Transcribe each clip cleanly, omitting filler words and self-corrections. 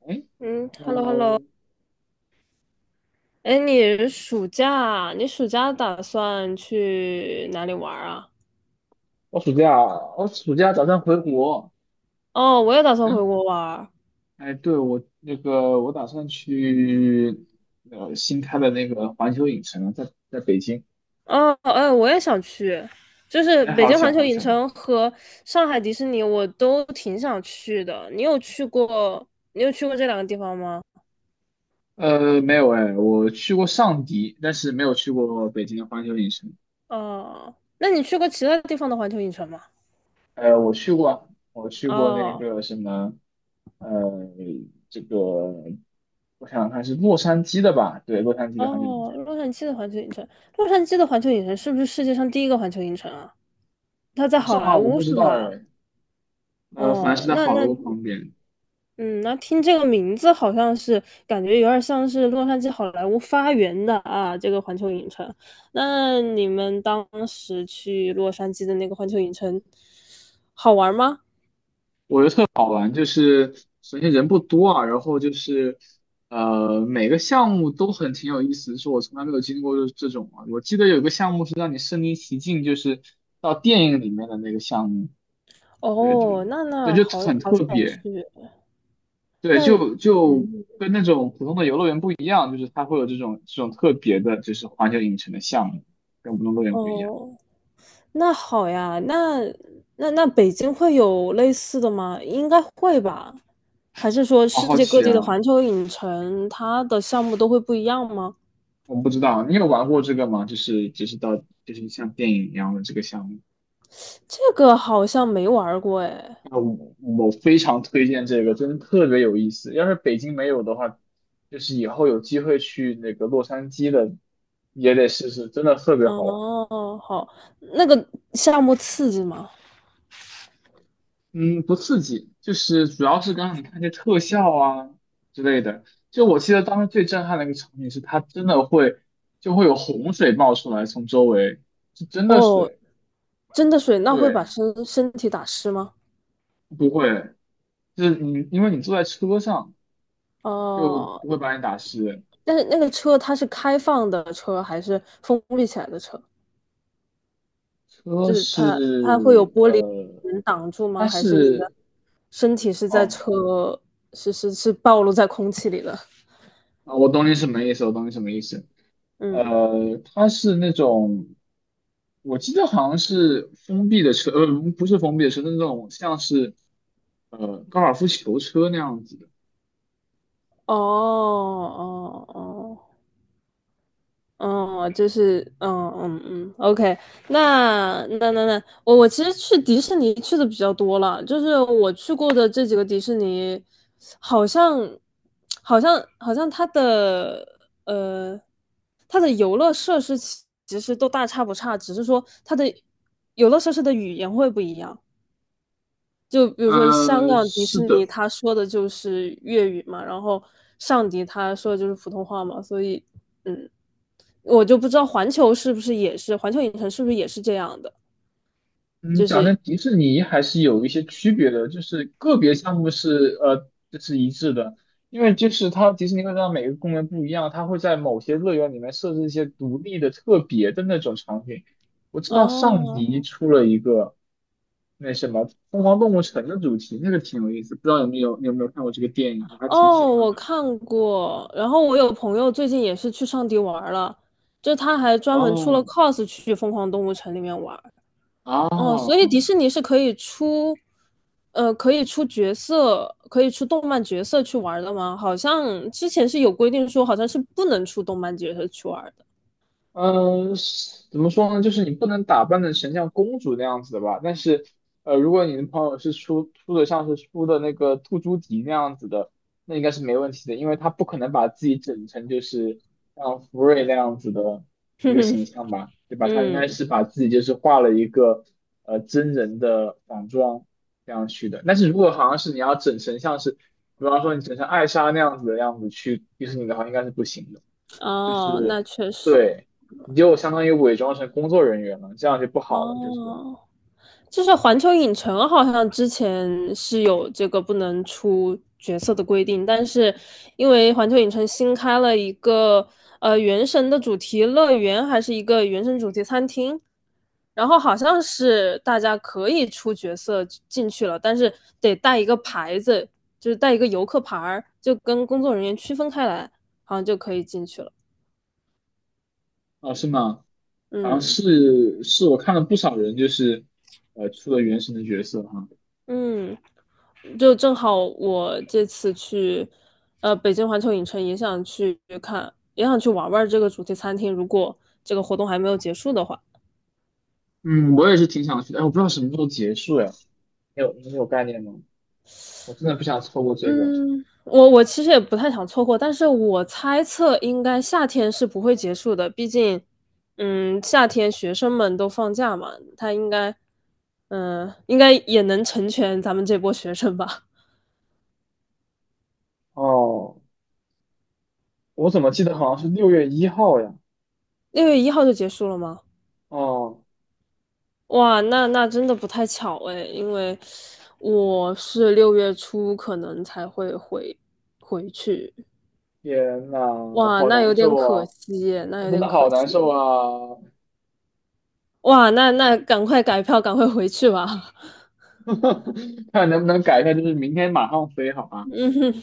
哎嗯，hello ，hello hello，hello，哎，你暑假打算去哪里玩儿啊？我暑假我暑假打算回国。哦，我也打算回嗯，国玩儿哎，对，我那个我打算去新开的那个环球影城，在北京。哦，哎，我也想去，就是哎，北好京环巧球好影巧。城和上海迪士尼，我都挺想去的。你有去过？你有去过这两个地方吗？呃，没有哎，我去过上迪，但是没有去过北京的环球影城。哦，那你去过其他地方的环球影城吗？我去过那哦个什么，呃，这个我想想看是洛杉矶的吧？对，洛杉矶的环球影哦，城。洛杉矶的环球影城，洛杉矶的环球影城是不是世界上第一个环球影城啊？它在好像好啊，莱我坞不知是道吧？哎。呃，反正哦，是在好莱坞旁边。那听这个名字好像是感觉有点像是洛杉矶好莱坞发源的啊，这个环球影城。那你们当时去洛杉矶的那个环球影城好玩吗？好玩，就是首先人不多啊，然后就是每个项目都很挺有意思，就是我从来没有经历过这种啊。我记得有个项目是让你身临其境，就是到电影里面的那个项目，对对哦，那对，那就好很好特想去。别，对，那嗯，跟那种普通的游乐园不一样，就是它会有这种特别的，就是环球影城的项目，跟普通乐园不一样。哦，那好呀。那北京会有类似的吗？应该会吧。还是说好世好界各奇地的啊，环球影城它的项目都会不一样吗？不知道你有玩过这个吗？就是就是到就是像电影一样的这个项目。这个好像没玩儿过哎。啊，我非常推荐这个，真的特别有意思。要是北京没有的话，就是以后有机会去那个洛杉矶的，也得试试，真的特别好玩。哦，好，那个项目刺激吗？嗯，不刺激，就是主要是刚刚你看这特效啊之类的。就我记得当时最震撼的一个场景是，它真的会会有洪水冒出来，从周围是真的哦，水，真的水那会把对，身体打湿吗？不会，就是因为你坐在车上就哦，不会把你打湿。但是那个车它是开放的车还是封闭起来的车？就车是是它会有玻璃呃。能挡住它吗？还是你的是，身体是在哦车是暴露在空气里的？我懂你什么意思，我懂你什么意思。嗯，呃，它是那种，我记得好像是封闭的车，呃，不是封闭的车，是那种像是高尔夫球车那样子的。哦哦哦。哦，就是，OK，那，我其实去迪士尼去的比较多了，就是我去过的这几个迪士尼，好像，好像它的呃，它的游乐设施其实都大差不差，只是说它的游乐设施的语言会不一样。就比如说香呃，港迪是士尼，的，他说的就是粤语嘛，然后上迪他说的就是普通话嘛，所以。嗯。我就不知道环球是不是也是，环球影城是不是也是这样的？嗯，就讲是真，迪士尼还是有一些区别的，就是个别项目是这是一致的，因为就是它迪士尼会让每个公园不一样，它会在某些乐园里面设置一些独立的、特别的那种场景。我知道上哦迪出了一个那什么《疯狂动物城》的主题，那个挺有意思，不知道有没有你有没有看过这个电影，我还挺喜哦，欢我的。看过。然后我有朋友最近也是去上迪玩儿了，就他还专门出了 哦，cos 去疯狂动物城里面玩儿。哦，所以迪哦，士尼是可以出，可以出角色，可以出动漫角色去玩儿的吗？好像之前是有规定说，好像是不能出动漫角色去玩儿的。嗯，是怎么说呢？就是你不能打扮的成像公主那样子的吧。但是，呃，如果你的朋友是出的出的那个兔朱迪那样子的，那应该是没问题的，因为他不可能把自己整成就是像福瑞那样子的一个形象吧，对吧？他应该嗯，是把自己就是画了一个真人的仿妆这样去的。但是如果好像是你要整成像是，比方说你整成艾莎那样子的样子去迪士尼的话，应该是不行的。就哦，是那确实，对，你就相当于伪装成工作人员了，这样就不好了。就是哦。就是环球影城好像之前是有这个不能出角色的规定，但是因为环球影城新开了一个原神的主题乐园，还是一个原神主题餐厅，然后好像是大家可以出角色进去了，但是得带一个牌子，就是带一个游客牌儿，就跟工作人员区分开来，好像就可以进去了。哦，是吗？好像嗯是我看了不少人，就是出了原神的角色哈。嗯，就正好我这次去，北京环球影城也想去看，也想去玩玩这个主题餐厅。如果这个活动还没有结束的话，嗯，我也是挺想去的，哎，我不知道什么时候结束呀？你有概念吗？我真的不想错过这个。嗯，我其实也不太想错过，但是我猜测应该夏天是不会结束的，毕竟，夏天学生们都放假嘛，他应该，应该也能成全咱们这波学生吧？哦，我怎么记得好像是6月1号呀？6月1号就结束了吗？哦，哇，那真的不太巧诶，因为我是6月初可能才会回去，天呐，哇，好那有难点受可啊！惜耶，那我有真点的可好难受惜，啊！哇，那赶快改票，赶快回去吧，看能不能改一下，就是明天马上飞好 吗？嗯哼，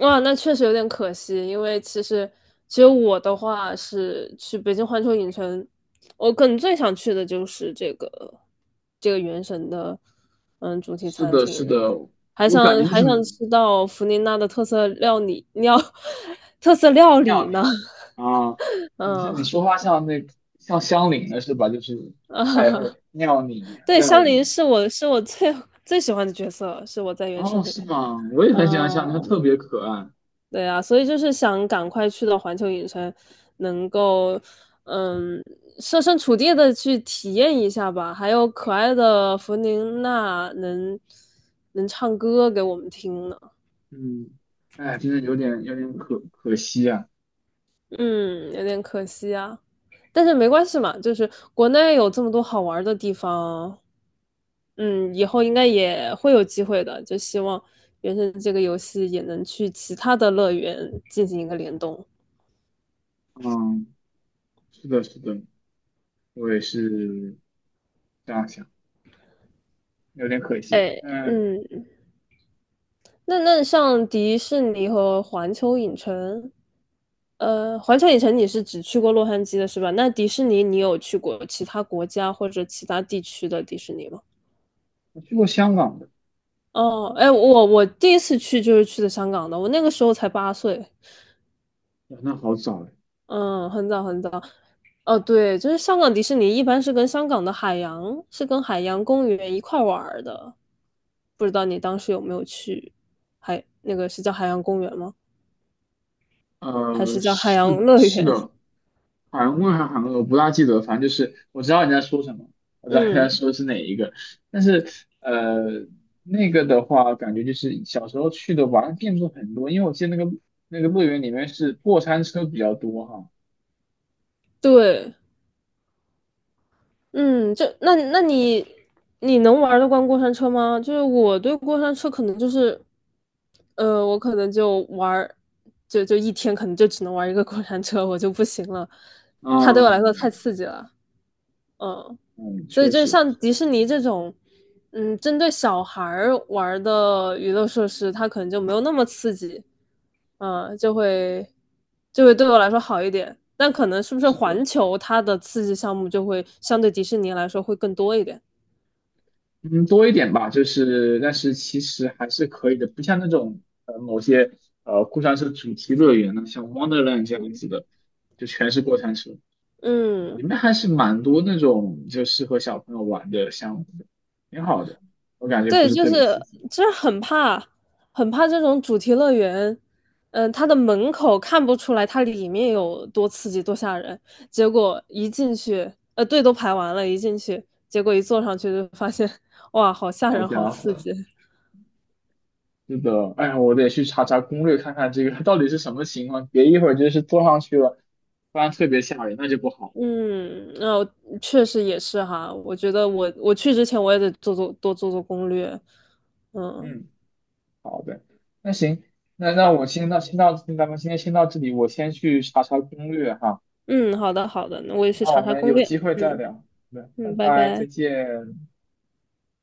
哇，那确实有点可惜，因为其实我的话是去北京环球影城，我可能最想去的就是这个原神的主题是餐的，厅，是的，还我感想觉就还是想吃到弗林娜的特色料理，特色料理妙呢？你啊，嗯你说话像那像乡里的是吧？就是啊，太会 妙你对，料香菱理是我最最喜欢的角色，是我在原声哦，里是面。吗？我也很喜欢像他，它嗯，特别可爱。对啊，所以就是想赶快去到环球影城，能够嗯设身处地的去体验一下吧。还有可爱的弗宁娜能唱歌给我们听呢，嗯，哎，真的有点可可惜啊。嗯，有点可惜啊。但是没关系嘛，就是国内有这么多好玩的地方，以后应该也会有机会的。就希望原神这个游戏也能去其他的乐园进行一个联动。嗯，是的，是的，我也是这样想，有点可惜。哎，嗯，嗯，那像迪士尼和环球影城，环球影城你是只去过洛杉矶的是吧？那迪士尼你有去过其他国家或者其他地区的迪士尼吗？我去过香港的，哦，哎，我第一次去就是去的香港的，我那个时候才8岁。哇那好早哎。嗯，很早很早，哦，对，就是香港迪士尼一般是跟香港的海洋，是跟海洋公园一块儿玩儿的，不知道你当时有没有去海，那个是叫海洋公园吗？还是呃，叫海洋是乐是园？的，韩问还是韩俄，我不大记得，反正就是我知道你在说什么，我知道你在嗯，说是哪一个，但是呃，那个的话，感觉就是小时候去的玩的店铺很多，因为我记得那个乐园里面是过山车比较多哈，对，嗯，那你能玩得惯过山车吗？就是我对过山车可能就是，我可能就玩儿，就一天可能就只能玩一个过山车，我就不行了，它对我来说太嗯刺激了，嗯。嗯，所以确就是实像迪士尼这种，针对小孩儿玩儿的娱乐设施，它可能就没有那么刺激，嗯，就会就会对我来说好一点。但可能是不是是环的，球它的刺激项目就会相对迪士尼来说会更多一点？嗯，多一点吧，就是但是其实还是可以的，不像那种某些过山车主题乐园呢，像 Wonderland 这样子的，就全是过山车，嗯。里面还是蛮多那种就适合小朋友玩的项目的，挺好的。我感觉不对，是就特别是刺激。就是很怕，很怕这种主题乐园，它的门口看不出来它里面有多刺激多吓人，结果一进去，队都排完了，一进去，结果一坐上去就发现，哇，好吓好人，好家刺伙，激。是的，哎呀，我得去查查攻略，看看这个 到底是什么情况，别一会儿就是坐上去了，不然特别吓人，那就不好。嗯，那、我确实也是哈，我觉得我去之前我也得多做做攻略。嗯嗯，好的，那行，那那我先到先到，咱们今天先到这里，我先去查查攻略哈。嗯，好的好的，那我也去那查我查们攻有略。机会再嗯聊。好的，拜嗯，拜拜，拜。再见。